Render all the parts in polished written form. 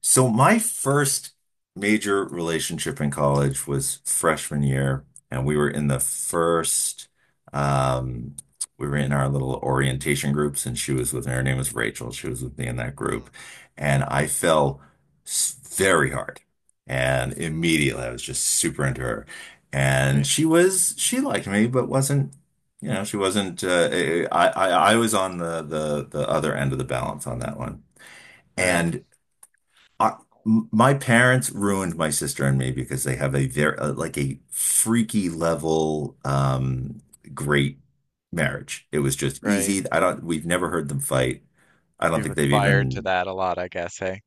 So my first major relationship in college was freshman year, and um we were in our little orientation groups, and she was with her name was Rachel. She was with me in that group, Mhm. and I fell very hard. And Mm. immediately I was just super into her. And Right, she liked me, but wasn't, she wasn't, I was on the other end of the balance on that one. right, And I, my parents ruined my sister and me because they have a very like a freaky level great marriage. It was just right. easy. I don't, we've never heard them fight. I don't You've think they've aspired to even. that a lot, I guess, eh?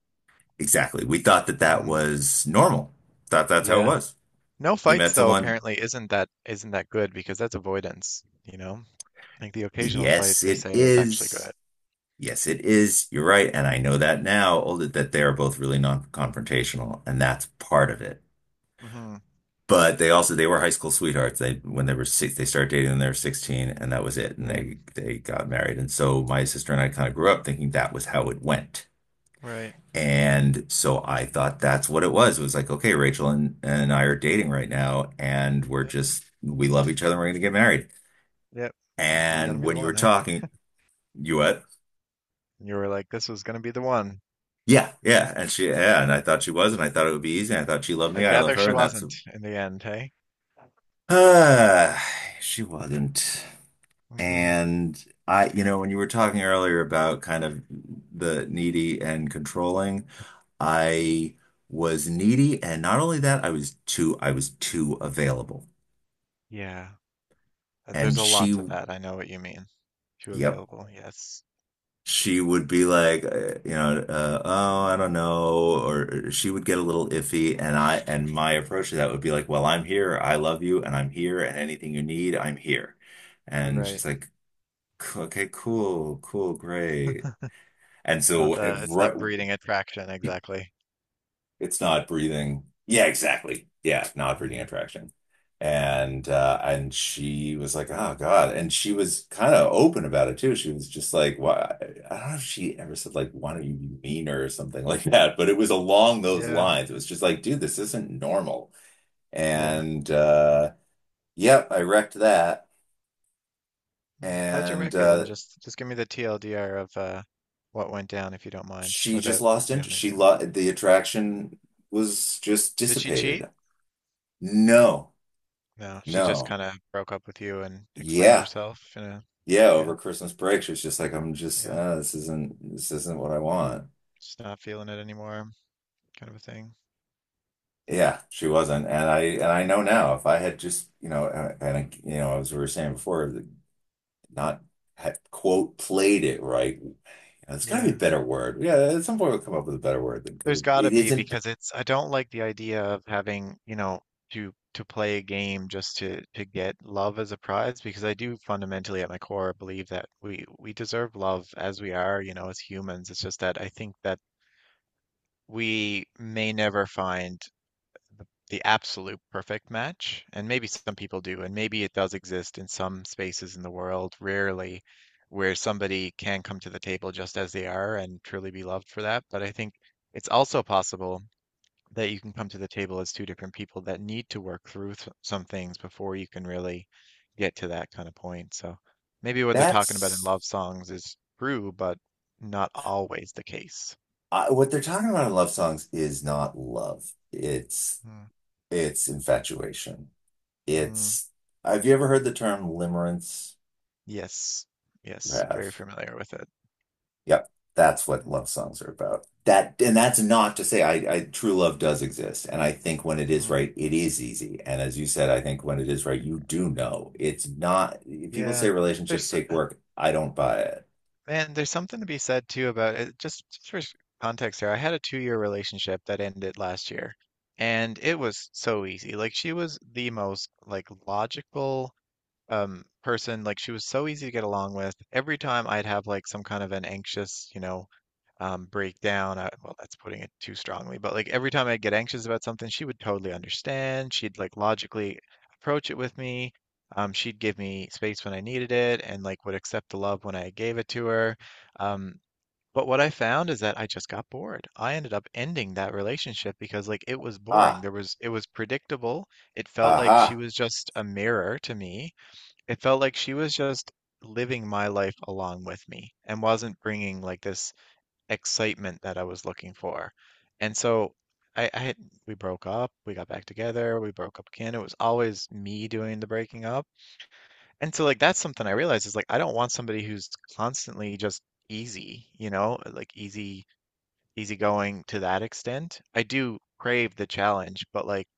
Exactly. We thought that that Hmm. was normal. Thought that's how it Yeah. was. No You fights met though, someone. apparently isn't that good because that's avoidance, you know? Like the occasional fight Yes, they it say is actually good. is. Yes, it is. You're right. And I know that now, oh, that they're Hmm. both really non-confrontational, and that's part of it. Hmm. But they were high school sweethearts. They When they were six, they started dating when they were 16, and that was it. And Right, they got married. And so my sister and I kind of grew up thinking that was how it went. right. And so I thought that's what it was. It was like, okay, Rachel and I are dating right now, and Yep, we love each other and we're gonna get married. yep. This is gonna And be the when you were one, eh? talking, you what? And you were like, this was gonna be the one. Yeah, yeah. And she, yeah, and I thought she was, and I thought it would be easy, and I thought she loved I me, I love gather her, she and that's wasn't in the end, hey? uh she wasn't. Hmm. And I, when you were talking earlier about kind of the needy and controlling, I was needy, and not only that, I was too available. Yeah. There's And a lot she, to that. I know what you mean. Too yep, available, yes. she would be like, oh, I don't know, or she would get a little iffy, and my approach to that would be like, well, I'm here, I love you, and I'm here, and anything you need, I'm here. And Right. she's like, Okay, cool, cool, great." And Not so, it's right. not breeding attraction exactly. It's not breathing. Yeah, exactly. Yeah, not breathing attraction. Mm-hmm. And she was like, "Oh God." And she was kind of open about it too. She was just like, "Why?" I don't know if she ever said like, "Why don't you be meaner?" or something like that, but it was along those Yeah, lines. It was just like, "Dude, this isn't normal." yeah. And yep, I wrecked that. Mm. How'd you And wreck it? And just give me the TLDR of what went down if you don't mind, she just without lost you don't interest. need She to. lost the attraction, was just Did she cheat? dissipated. No. No, she just No. kind of broke up with you and explained Yeah, herself in a yeah, yeah, over Christmas break, she was just like, I'm just, yeah, this isn't what I want. just not feeling it anymore, kind of a thing. Yeah, she wasn't, and I know now if I had just, and I, you know, as we were saying before, not had quote played it right. You know, it's got to be a Yeah. better word. Yeah, at some point we'll come up with a better word because There's it, got to it be isn't. because it's I don't like the idea of having, to play a game just to get love as a prize, because I do fundamentally at my core believe that we deserve love as we are, you know, as humans. It's just that I think that we may never find the absolute perfect match, and maybe some people do, and maybe it does exist in some spaces in the world, rarely, where somebody can come to the table just as they are and truly be loved for that. But I think it's also possible that you can come to the table as two different people that need to work through some things before you can really get to that kind of point. So maybe what they're talking about in That's love songs is true, but not always the case. What they're talking about in love songs is not love. It's Mm, it's infatuation. mm, It's Have you ever heard the term limerence? yes, You yes, very have. familiar with it. Yep, that's what Yeah. love songs are about. That, and that's not to say I true love does exist, and I think when it is Mhm. right, it is easy. And as you said, I think when it is right, you do know it's not. People say Yeah. relationships There's take s- work. I don't buy it. man, there's something to be said too about it. Just for context here, I had a 2-year relationship that ended last year, and it was so easy. Like she was the most like logical person, like she was so easy to get along with. Every time I'd have like some kind of an anxious breakdown. I, well, that's putting it too strongly, but like every time I'd get anxious about something, she would totally understand. She'd like logically approach it with me. She'd give me space when I needed it, and like would accept the love when I gave it to her. um but what I found is that I just got bored. I ended up ending that relationship because like it was boring. Ah, There was It was predictable. It felt like she aha. was just a mirror to me. It felt like she was just living my life along with me and wasn't bringing like this excitement that I was looking for. And so I had, we broke up, we got back together, we broke up again. It was always me doing the breaking up. And so like that's something I realized, is like I don't want somebody who's constantly just easy, you know, like easygoing to that extent. I do crave the challenge, but like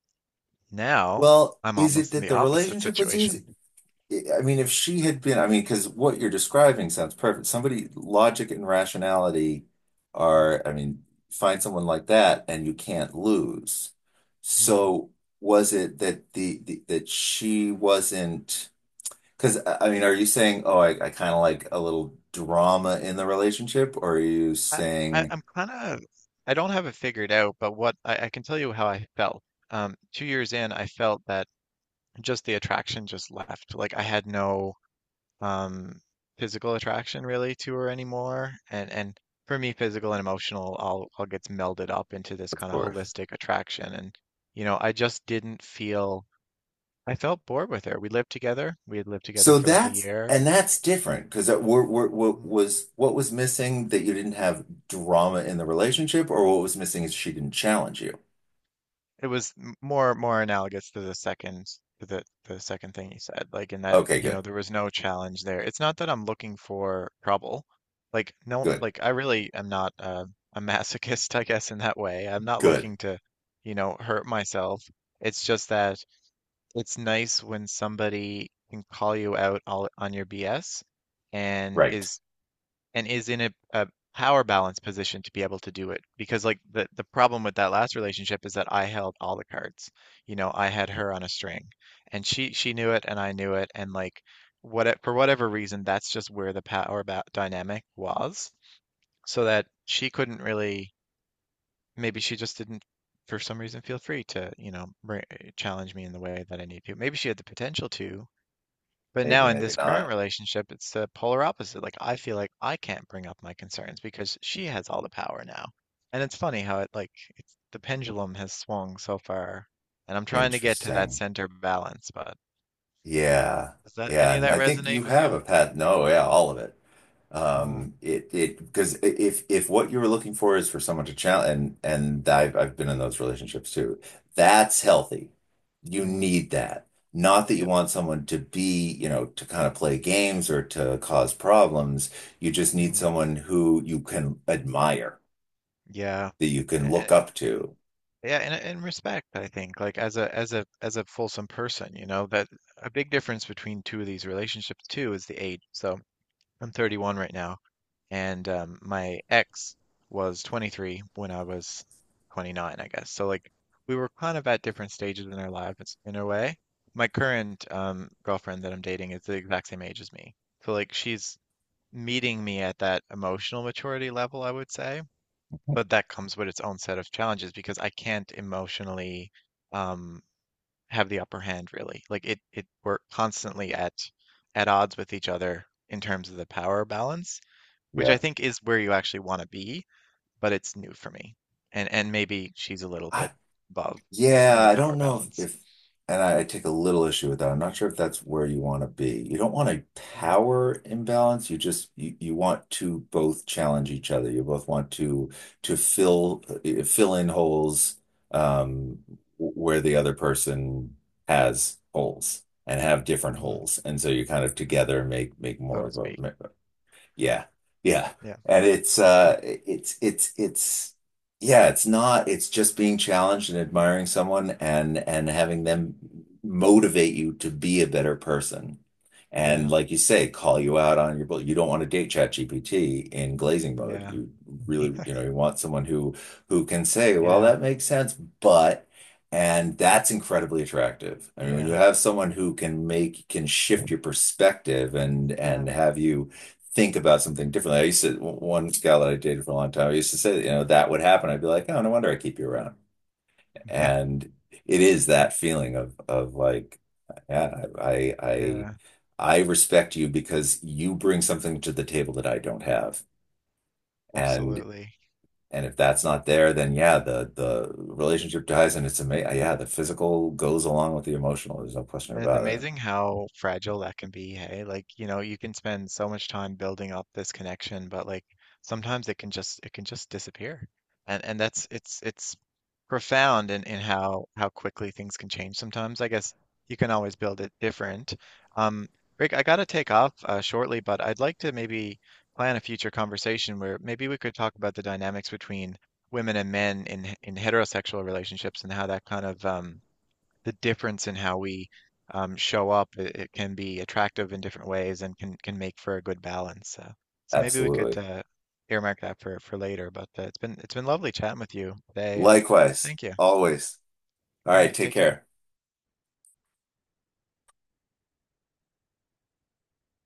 now Well, I'm is it almost in that the the opposite relationship was situation. easy? I mean, if she had been, I mean, because what you're describing sounds perfect. Somebody, logic and rationality Mm, are, I mean, find someone like that and you can't lose. mm. So was it that the that she wasn't, because I mean, are you saying, oh, I kind of like a little drama in the relationship, or are you I, I saying, I'm kind of I don't have it figured out, but I can tell you how I felt. 2 years in, I felt that just the attraction just left. Like I had no um physical attraction really to her anymore. And for me, physical and emotional all gets melded up into this of kind of course. holistic attraction. And you know, I just didn't feel, I felt bored with her. We lived together. We had lived together So for like a that's, year. and that's different because what was missing that you didn't have drama in the relationship, or what was missing is she didn't challenge you. It was more analogous to the second thing you said, like in that, Okay, you know, good, there was no challenge there. It's not that I'm looking for trouble. Like no, good, like I really am not a masochist, I guess, in that way. I'm not good. looking to, you know, hurt myself. It's just that it's nice when somebody can call you out all, on your BS, and Right. Is in a power balance position to be able to do it. Because like the problem with that last relationship is that I held all the cards. You know, I had her on a string, and she knew it, and I knew it, and like what for whatever reason, that's just where the power ba dynamic was, so that she couldn't really. Maybe she just didn't for some reason feel free to, you know, bring, challenge me in the way that I need to. Maybe she had the potential to, but Maybe, now in maybe this current not. relationship, it's the polar opposite. Like I feel like I can't bring up my concerns because she has all the power now. And it's funny how it's the pendulum has swung so far, and I'm trying to get to that Interesting. center balance, but Yeah. does that Yeah. any of And that I think you resonate with have you? a path. No, yeah, all of it. Mm-hmm. Because if what you were looking for is for someone to challenge, and I've been in those relationships too, that's healthy. You need that. Not that you Yep. want someone to be, to kind of play games or to cause problems. You just need Hmm. someone who you can admire, Yeah. that you can A- look up to. Yeah, and respect, I think, like as a fulsome person, you know, that a big difference between two of these relationships too is the age. So I'm 31 right now. And my ex was 23 when I was 29, I guess. So like we were kind of at different stages in our lives in a way. My current girlfriend that I'm dating is the exact same age as me. So like she's meeting me at that emotional maturity level, I would say, but that comes with its own set of challenges because I can't emotionally um, have the upper hand, really. Like it we're constantly at odds with each other in terms of the power balance, which I Yeah. think is where you actually want to be, but it's new for me. And maybe she's a little I, bit above, Yeah, in the I power don't know balance, if and I take a little issue with that. I'm not sure if that's where you want to be. You don't want a mm, power imbalance. You just, you want to both challenge each other. You both want to fill in holes, um, where the other person has holes and have different mm, holes. And so you kind of together make so more to of a, speak. yeah. Yeah. Yeah, And it's yeah, it's not, it's just being challenged and admiring someone and having them motivate you to be a better person. And yeah, like you say, call you out on your bull. You don't want to date ChatGPT in glazing mode. yeah, You really, you want someone who can say, well, yeah, that makes sense, but, and that's incredibly attractive. I mean, when you yeah, have someone who can shift your perspective and yeah, and have you think about something differently. I used to, one gal that I dated for a long time, I used to say, that, you know, that would happen. I'd be like, oh, no wonder I keep you around. And it is yeah, that feeling of like, yeah, I, I, yeah, I respect you because you bring something to the table that I don't have. And, absolutely. and if that's not there, then yeah, the relationship dies and it's amazing. Yeah, the physical goes along with the emotional. There's no question And it's about it. amazing how fragile that can be, hey? Like, you know, you can spend so much time building up this connection, but like sometimes it can just disappear. And that's it's profound in, how quickly things can change sometimes. I guess you can always build it different. Um, Rick, I gotta take off shortly, but I'd like to maybe plan a future conversation where maybe we could talk about the dynamics between women and men in heterosexual relationships, and how that kind of the difference in how we show up, it can be attractive in different ways and can make for a good balance. So maybe we could Absolutely. Earmark that for later. But it's been lovely chatting with you today, and Likewise, thank you. always. All All right, right, take take care. care.